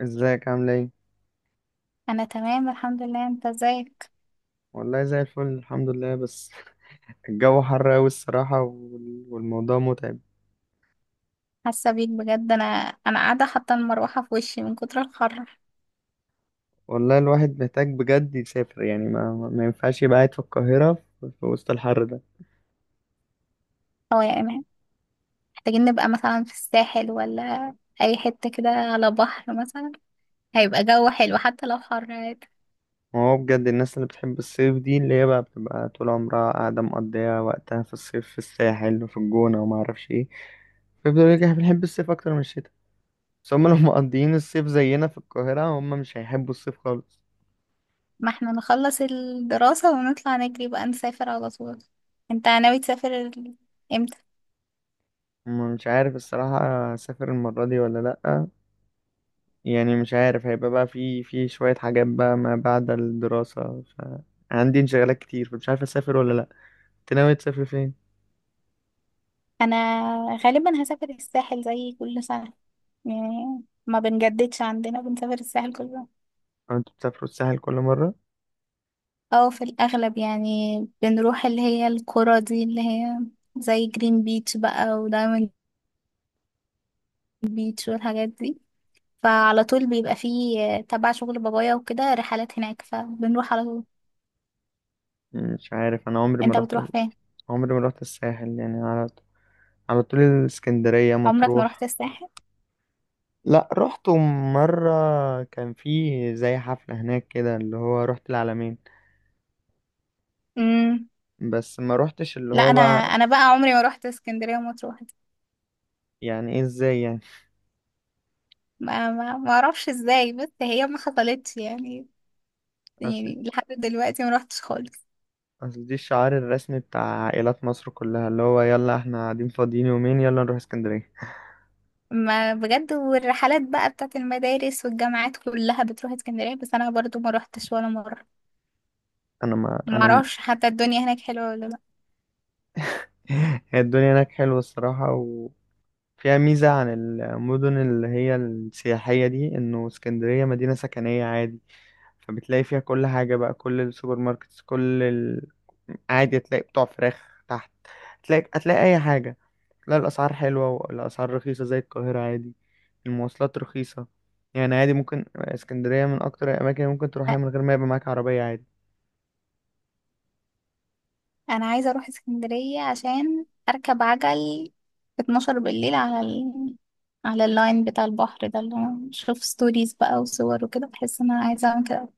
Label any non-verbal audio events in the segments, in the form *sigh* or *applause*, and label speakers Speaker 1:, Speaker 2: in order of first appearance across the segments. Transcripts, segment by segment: Speaker 1: ازيك؟ عامل ايه؟
Speaker 2: انا تمام الحمد لله. انت ازيك؟
Speaker 1: والله زي الفل الحمد لله، بس *laughs* الجو حر قوي الصراحة والموضوع متعب.
Speaker 2: حاسه بيك بجد. انا قاعده حاطه المروحه في وشي من كتر الحر.
Speaker 1: والله الواحد محتاج بجد يسافر، يعني ما ينفعش يبقى قاعد في القاهرة في وسط الحر ده.
Speaker 2: هو يا ايمان، محتاجين نبقى مثلا في الساحل، ولا اي حته كده على بحر مثلا، هيبقى جو حلو حتى لو حر عادي.
Speaker 1: ما هو بجد الناس اللي بتحب الصيف دي اللي هي بقى بتبقى طول عمرها قاعدة مقضية وقتها في الصيف في الساحل وفي الجونة وما اعرفش ايه، فيفضلوا يقولوا لك احنا بنحب الصيف اكتر من الشتاء. بس هم لو *laughs* مقضيين الصيف زينا في القاهرة هم مش هيحبوا الصيف خالص.
Speaker 2: ما احنا نخلص الدراسه ونطلع نجري بقى، نسافر على طول. انت ناوي تسافر امتى؟
Speaker 1: مش عارف الصراحة، أسافر المرة دي ولا لأ. يعني مش عارف، هيبقى بقى في شوية حاجات بقى ما بعد الدراسة، فعندي انشغالات كتير، فمش عارف أسافر ولا لأ. أنت ناوي تسافر فين؟
Speaker 2: انا غالبا هسافر الساحل زي كل سنه، يعني ما بنجددش، عندنا بنسافر الساحل كل سنه.
Speaker 1: أو أنت بتسافروا الساحل كل مرة؟
Speaker 2: او في الاغلب يعني بنروح اللي هي القرى دي، اللي هي زي جرين بيتش بقى، ودايموند بيتش والحاجات دي. فعلى طول بيبقى فيه تبع شغل بابايا وكده رحلات هناك، فبنروح على طول.
Speaker 1: مش عارف، أنا عمري ما
Speaker 2: انت
Speaker 1: رحت،
Speaker 2: بتروح فين؟
Speaker 1: عمري ما رحت الساحل، يعني على على طول الإسكندرية
Speaker 2: عمرك ما رحت
Speaker 1: مطروح.
Speaker 2: الساحل؟
Speaker 1: لأ رحت مرة، كان في زي حفلة هناك كده اللي هو رحت العلمين،
Speaker 2: امم
Speaker 1: بس ما رحتش اللي
Speaker 2: لا،
Speaker 1: هو
Speaker 2: انا
Speaker 1: بقى.
Speaker 2: انا بقى عمري ما رحت اسكندريه ومطروح دي.
Speaker 1: يعني إيه إزاي يعني؟
Speaker 2: ما اعرفش ازاي، بس هي ما حصلتش يعني، يعني
Speaker 1: *laughs*
Speaker 2: لحد دلوقتي ما رحتش خالص.
Speaker 1: اصل دي الشعار الرسمي بتاع عائلات مصر كلها، اللي هو يلا احنا قاعدين فاضيين يومين يلا نروح اسكندرية.
Speaker 2: ما بجد، والرحلات بقى بتاعت المدارس والجامعات كلها بتروح اسكندرية، بس انا برضو ما روحتش ولا مرة.
Speaker 1: انا ما
Speaker 2: ما
Speaker 1: انا م-
Speaker 2: اعرفش حتى الدنيا هناك حلوة ولا لا.
Speaker 1: *laughs* هي الدنيا هناك حلوة الصراحة، وفيها ميزة عن المدن اللي هي السياحية دي، انه اسكندرية مدينة سكنية عادي، فبتلاقي فيها كل حاجة بقى، كل السوبر ماركتس، كل ال... عادي هتلاقي بتوع فراخ تحت، هتلاقي اي حاجة. لا الأسعار حلوة، والأسعار رخيصة زي القاهرة عادي، المواصلات رخيصة، يعني عادي ممكن اسكندرية من أكتر الأماكن اللي ممكن تروحها من غير ما يبقى معاك عربية عادي.
Speaker 2: انا عايزة اروح اسكندرية عشان اركب عجل في 12 بالليل على على اللاين بتاع البحر ده، اللي انا بشوف ستوريز بقى وصور وكده، بحس ان انا عايزة اعمل كده.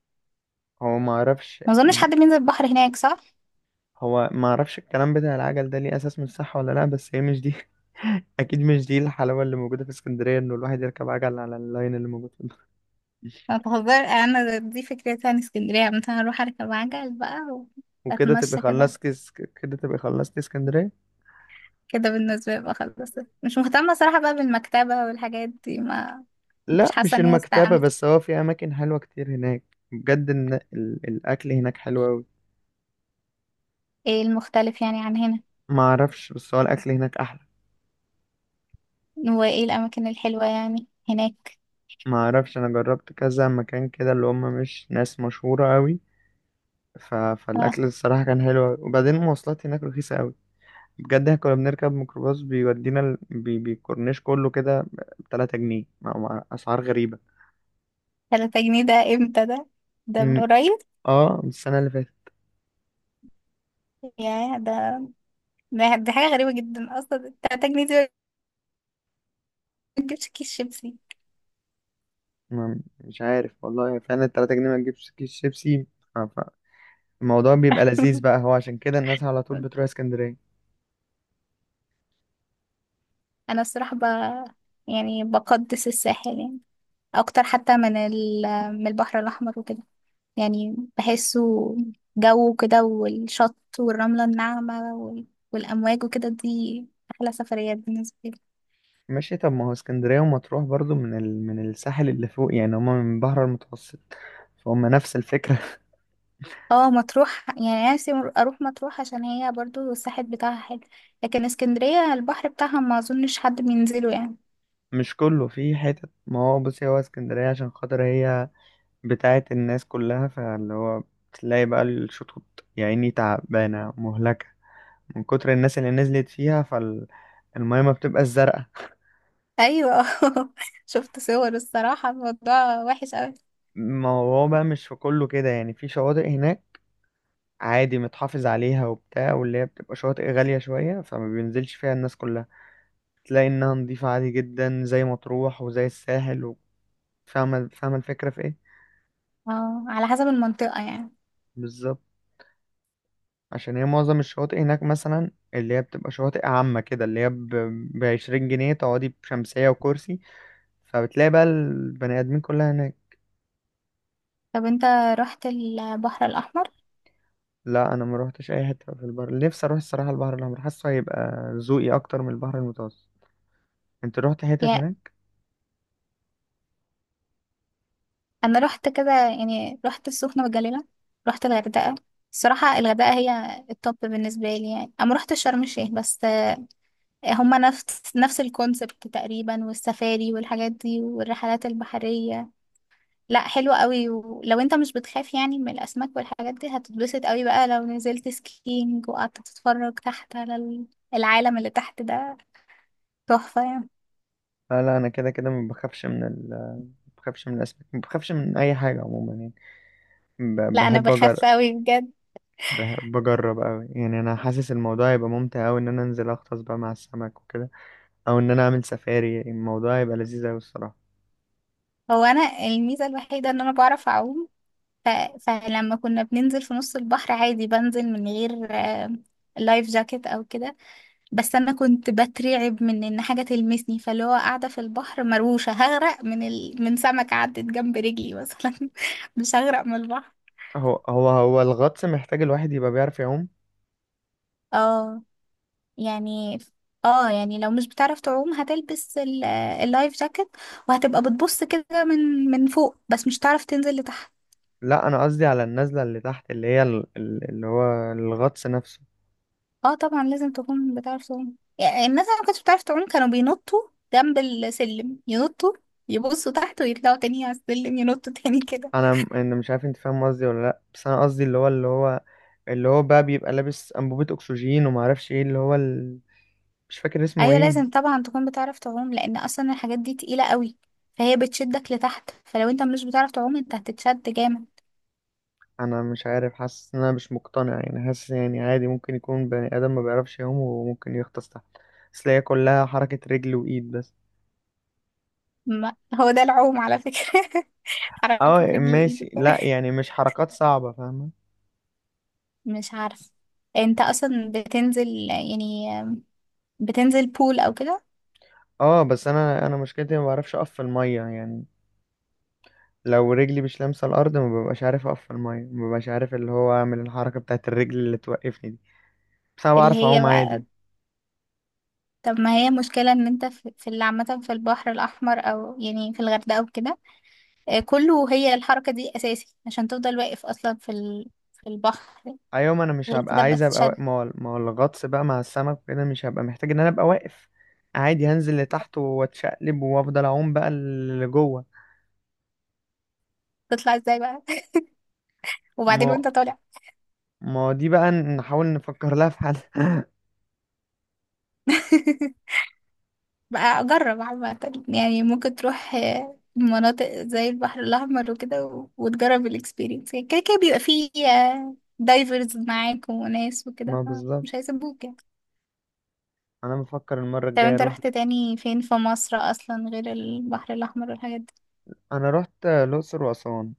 Speaker 1: هو ما أعرفش
Speaker 2: ما اظنش
Speaker 1: م-
Speaker 2: حد بينزل البحر هناك، صح؟
Speaker 1: هو ما أعرفش الكلام بتاع العجل ده ليه أساس من الصحة ولا لأ، بس هي مش دي. *laughs* أكيد مش دي الحلاوة اللي موجودة في اسكندرية، إنه الواحد يركب عجل على اللاين اللي موجود في
Speaker 2: ما
Speaker 1: *laughs*
Speaker 2: بهزر، انا دي فكرتي عن اسكندرية، مثلا اروح اركب عجل بقى
Speaker 1: وكده تبقى
Speaker 2: واتمشى كده.
Speaker 1: خلصت اس- كده تبقى خلصت اسكندرية.
Speaker 2: كده بالنسبة لي بقى خلاص. مش مهتمة صراحة بقى بالمكتبة والحاجات دي ما. مش
Speaker 1: لا
Speaker 2: حاسة
Speaker 1: مش
Speaker 2: اني
Speaker 1: المكتبة
Speaker 2: استعملت.
Speaker 1: بس، هو في أماكن حلوة كتير هناك، بجد الأكل هناك حلو أوي.
Speaker 2: ايه المختلف يعني عن هنا؟
Speaker 1: ما اعرفش، بس هو الاكل هناك احلى.
Speaker 2: وايه الأماكن الحلوة يعني هناك؟
Speaker 1: ما اعرفش، انا جربت كذا مكان كده اللي هم مش ناس مشهوره قوي،
Speaker 2: اه،
Speaker 1: فالاكل الصراحه كان حلو أوي. وبعدين المواصلات هناك رخيصه قوي، بجد احنا كنا بنركب ميكروباص بيودينا بيكورنيش كله كده ب 3 جنيه، مع اسعار غريبه.
Speaker 2: تلاتة جنيه ده امتى ده؟ ده من
Speaker 1: أمم،
Speaker 2: قريب.
Speaker 1: اه من السنه اللي فاتت.
Speaker 2: يا ده، دي حاجة غريبة جدا أصلا. تلاتة جنيه دي ما تجيبش كيس شيبسي.
Speaker 1: ما... مش عارف والله، فعلا 3 جنيه ما تجيبش كيس شيبسي. ف... فالموضوع بيبقى لذيذ
Speaker 2: *laughs*
Speaker 1: بقى، هو عشان كده الناس على طول بتروح اسكندريه.
Speaker 2: أنا الصراحة يعني بقدس الساحل، يعني أكتر حتى من من البحر الأحمر وكده. يعني بحسه جو كده، والشط والرملة الناعمة والأمواج وكده، دي أحلى سفريات بالنسبة لي.
Speaker 1: ماشي، طب ما هو اسكندرية ومطروح برضو من من الساحل اللي فوق، يعني هما من البحر المتوسط، فهم نفس الفكرة.
Speaker 2: اه مطروح، يعني نفسي أروح مطروح، عشان هي برضو الساحل بتاعها حلو. لكن اسكندرية البحر بتاعها ما أظنش حد بينزله يعني.
Speaker 1: *laughs* مش كله في حتت، ما هو بصي، هو اسكندرية عشان خاطر هي بتاعة الناس كلها، فاللي هو بتلاقي بقى الشطوط يا عيني تعبانة مهلكة من كتر الناس اللي نزلت فيها، فالمية ما بتبقى الزرقاء.
Speaker 2: أيوة. *laughs* شفت صور الصراحة، الموضوع وحش أوي.
Speaker 1: *laughs* ما هو بقى مش في كله كده، يعني في شواطئ هناك عادي متحافظ عليها وبتاع، واللي هي بتبقى شواطئ غالية شوية فما بينزلش فيها الناس كلها، تلاقي انها نضيفة عادي جدا زي مطروح وزي الساحل فاهمة الفكرة في ايه.
Speaker 2: اه، على حسب المنطقة يعني.
Speaker 1: بالظبط، عشان هي معظم الشواطئ هناك مثلا اللي هي بتبقى شواطئ عامة كده اللي هي ب 20 جنيه تقعدي بشمسية وكرسي، فبتلاقي بقى البني آدمين كلها هناك.
Speaker 2: طب انت رحت البحر الأحمر؟
Speaker 1: لا أنا ما روحتش أي حتة في البحر، نفسي أروح الصراحة البحر الأحمر، حاسه هيبقى ذوقي أكتر من البحر المتوسط. أنت روحت حتت
Speaker 2: يعني
Speaker 1: هناك؟
Speaker 2: انا رحت كده، يعني رحت السخنه والجليله، رحت الغردقه. الصراحه الغردقه هي التوب بالنسبه لي، يعني انا ما رحت شرم الشيخ بس هما نفس الكونسبت تقريبا، والسفاري والحاجات دي والرحلات البحريه. لا حلوه قوي، ولو انت مش بتخاف يعني من الاسماك والحاجات دي، هتتبسط قوي بقى لو نزلت سكينج وقعدت تتفرج تحت على العالم اللي تحت ده، تحفه يعني.
Speaker 1: لا لا، أنا كده كده ما بخافش من ال ما بخافش من الأسماك، ما بخافش من أي حاجة عموما يعني،
Speaker 2: لا انا
Speaker 1: بحب
Speaker 2: بخاف
Speaker 1: أجرب،
Speaker 2: قوي بجد.
Speaker 1: بحب اجرب قوي، يعني انا حاسس الموضوع هيبقى ممتع قوي ان انا انزل اغطس بقى مع السمك وكده، او ان انا اعمل سفاري الموضوع هيبقى لذيذ قوي الصراحه.
Speaker 2: هو انا الميزه الوحيده ان انا بعرف اعوم. ف... فلما كنا بننزل في نص البحر عادي بنزل من غير لايف جاكيت او كده. بس انا كنت بترعب من ان حاجه تلمسني، فاللي هو قاعده في البحر مروشه هغرق من من سمكه عدت جنب رجلي مثلا. *laughs* مش هغرق من البحر.
Speaker 1: هو الغطس محتاج الواحد يبقى بيعرف يعوم.
Speaker 2: اه يعني. اه يعني لو مش بتعرف تعوم هتلبس اللايف جاكيت، وهتبقى بتبص كده من فوق بس مش هتعرف تنزل لتحت.
Speaker 1: لا انا قصدي على النزله اللي تحت اللي هي اللي هو الغطس نفسه.
Speaker 2: اه طبعا لازم تكون بتعرف تعوم، يعني الناس اللي ما كانتش بتعرف تعوم كانوا بينطوا جنب السلم، ينطوا، يبصوا تحت ويطلعوا تاني على السلم، ينطوا تاني كده.
Speaker 1: انا مش عارف انت فاهم قصدي ولا لا، بس انا قصدي اللي هو اللي هو بقى بيبقى لابس انبوبه اكسجين، وما اعرفش ايه اللي هو ال... مش فاكر اسمه
Speaker 2: ايوه،
Speaker 1: ايه.
Speaker 2: لازم طبعا تكون بتعرف تعوم لان اصلا الحاجات دي تقيلة قوي، فهي بتشدك لتحت، فلو انت مش بتعرف تعوم انت هتتشد جامد.
Speaker 1: انا مش عارف، حاسس ان انا مش مقتنع يعني، حاسس يعني عادي ممكن يكون بني ادم ما بيعرفش يعوم وممكن يغطس تحت، بس هي كلها حركة رجل وايد بس.
Speaker 2: ما هو ده العوم على فكرة. *laughs*
Speaker 1: اه
Speaker 2: حركة رجل وايد
Speaker 1: ماشي،
Speaker 2: وبتاع.
Speaker 1: لا يعني مش حركات صعبة، فاهمة.
Speaker 2: مش عارف، انت اصلا بتنزل يعني، بتنزل بول او كده؟
Speaker 1: اه بس انا مشكلتي ما بعرفش اقف في المية يعني، لو رجلي مش لامسة الارض ما ببقاش عارف اقف في المية، ما ببقاش عارف اللي هو اعمل الحركة بتاعت الرجل اللي توقفني دي، بس انا
Speaker 2: اللي
Speaker 1: بعرف
Speaker 2: هي
Speaker 1: اعوم
Speaker 2: بقى،
Speaker 1: عادي.
Speaker 2: طب ما هي مشكلة ان انت في اللي عامة في البحر الأحمر او يعني في الغردقة او كده. كله هي الحركة دي أساسي عشان تفضل واقف أصلا في في البحر.
Speaker 1: ايوه، ما انا مش
Speaker 2: غير
Speaker 1: هبقى
Speaker 2: كده بقى
Speaker 1: عايز ابقى واقف،
Speaker 2: تتشد.
Speaker 1: ما هو الغطس بقى مع السمك وكده مش هبقى محتاج ان انا ابقى واقف، عادي هنزل لتحت واتشقلب وافضل اعوم بقى لجوه.
Speaker 2: تطلع ازاي بقى؟ *laughs* وبعدين
Speaker 1: ما
Speaker 2: وانت طالع.
Speaker 1: ما دي بقى نحاول نفكر لها في حل.
Speaker 2: *laughs* بقى أجرب عامة، يعني ممكن تروح مناطق زي البحر الأحمر وكده، وتجرب الإكسبيرينس. كده كده بيبقى فيه دايفرز معاك وناس
Speaker 1: *laughs*
Speaker 2: وكده،
Speaker 1: ما بالظبط،
Speaker 2: فمش هيسيبوك يعني.
Speaker 1: انا بفكر المره
Speaker 2: طب
Speaker 1: الجايه
Speaker 2: انت
Speaker 1: اروح.
Speaker 2: رحت تاني فين في مصر أصلا غير البحر الأحمر والحاجات دي؟
Speaker 1: انا رحت الاقصر واسوان.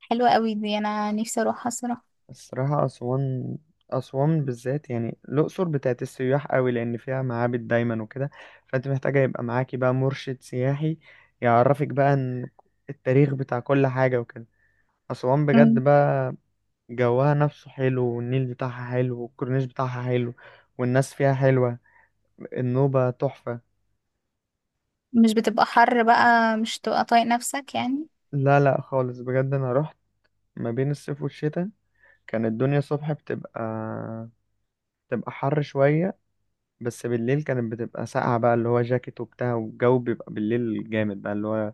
Speaker 2: حلوة قوي دي، انا نفسي اروحها الصراحة.
Speaker 1: الصراحه اسوان، اسوان بالذات، يعني الاقصر بتاعت السياح قوي لان فيها معابد دايما وكده، فانت محتاجه يبقى معاكي بقى مرشد سياحي يعرفك بقى إن التاريخ بتاع كل حاجه وكده. أسوان بجد
Speaker 2: مم.
Speaker 1: بقى، جوها نفسه حلو، والنيل بتاعها حلو، والكورنيش بتاعها حلو، والناس فيها حلوة، النوبة تحفة.
Speaker 2: مش بتبقى حر بقى؟ مش تبقى طايق نفسك يعني؟
Speaker 1: لا لا خالص، بجد أنا رحت ما بين الصيف والشتاء، كانت الدنيا الصبح بتبقى بتبقى حر شوية، بس بالليل كانت بتبقى ساقعة بقى، اللي هو جاكيت وبتاع، والجو بيبقى بالليل جامد بقى اللي هو،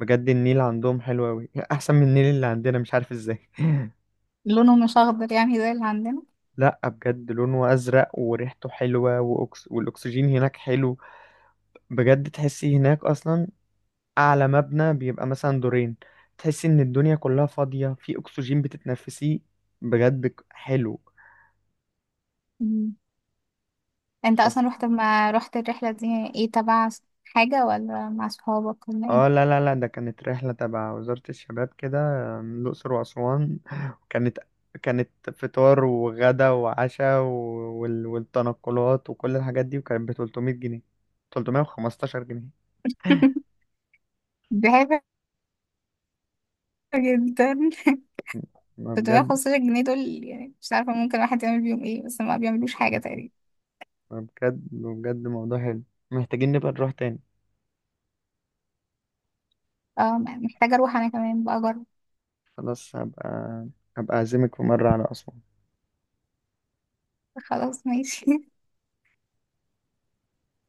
Speaker 1: بجد النيل عندهم حلو أوي. *laughs* أحسن من النيل اللي عندنا، مش عارف ازاي. *laughs*
Speaker 2: لونه مش اخضر يعني زي اللي عندنا؟
Speaker 1: لا بجد لونه أزرق وريحته حلوة، والأكسجين هناك حلو، بجد تحسي هناك اصلا اعلى مبنى بيبقى مثلا دورين، تحسي ان الدنيا كلها فاضية في اكسجين بتتنفسيه. بجد حلو.
Speaker 2: مم. انت
Speaker 1: بس
Speaker 2: اصلا رحت، ما رحت الرحلة دي ايه، تبع حاجة، ولا مع صحابك، ولا
Speaker 1: اه،
Speaker 2: ايه؟
Speaker 1: لا ده كانت رحلة تبع وزارة الشباب كده، الأقصر وأسوان *laughs* كانت كانت فطار وغدا وعشاء والتنقلات وكل الحاجات دي، وكانت ب 300 جنيه، 315 جنيه.
Speaker 2: *laughs* دي حاجة جدا.
Speaker 1: ما
Speaker 2: *laughs*
Speaker 1: بجد
Speaker 2: 315 جنيه دول، يعني مش عارفة ممكن الواحد يعمل بيهم ايه، بس ما بيعملوش حاجة تقريبا.
Speaker 1: ما بجد موضوع حلو، محتاجين نبقى نروح تاني.
Speaker 2: اه محتاجة اروح انا كمان بقى اجرب.
Speaker 1: خلاص، هبقى أعزمك في مرة على أسوان.
Speaker 2: خلاص ماشي.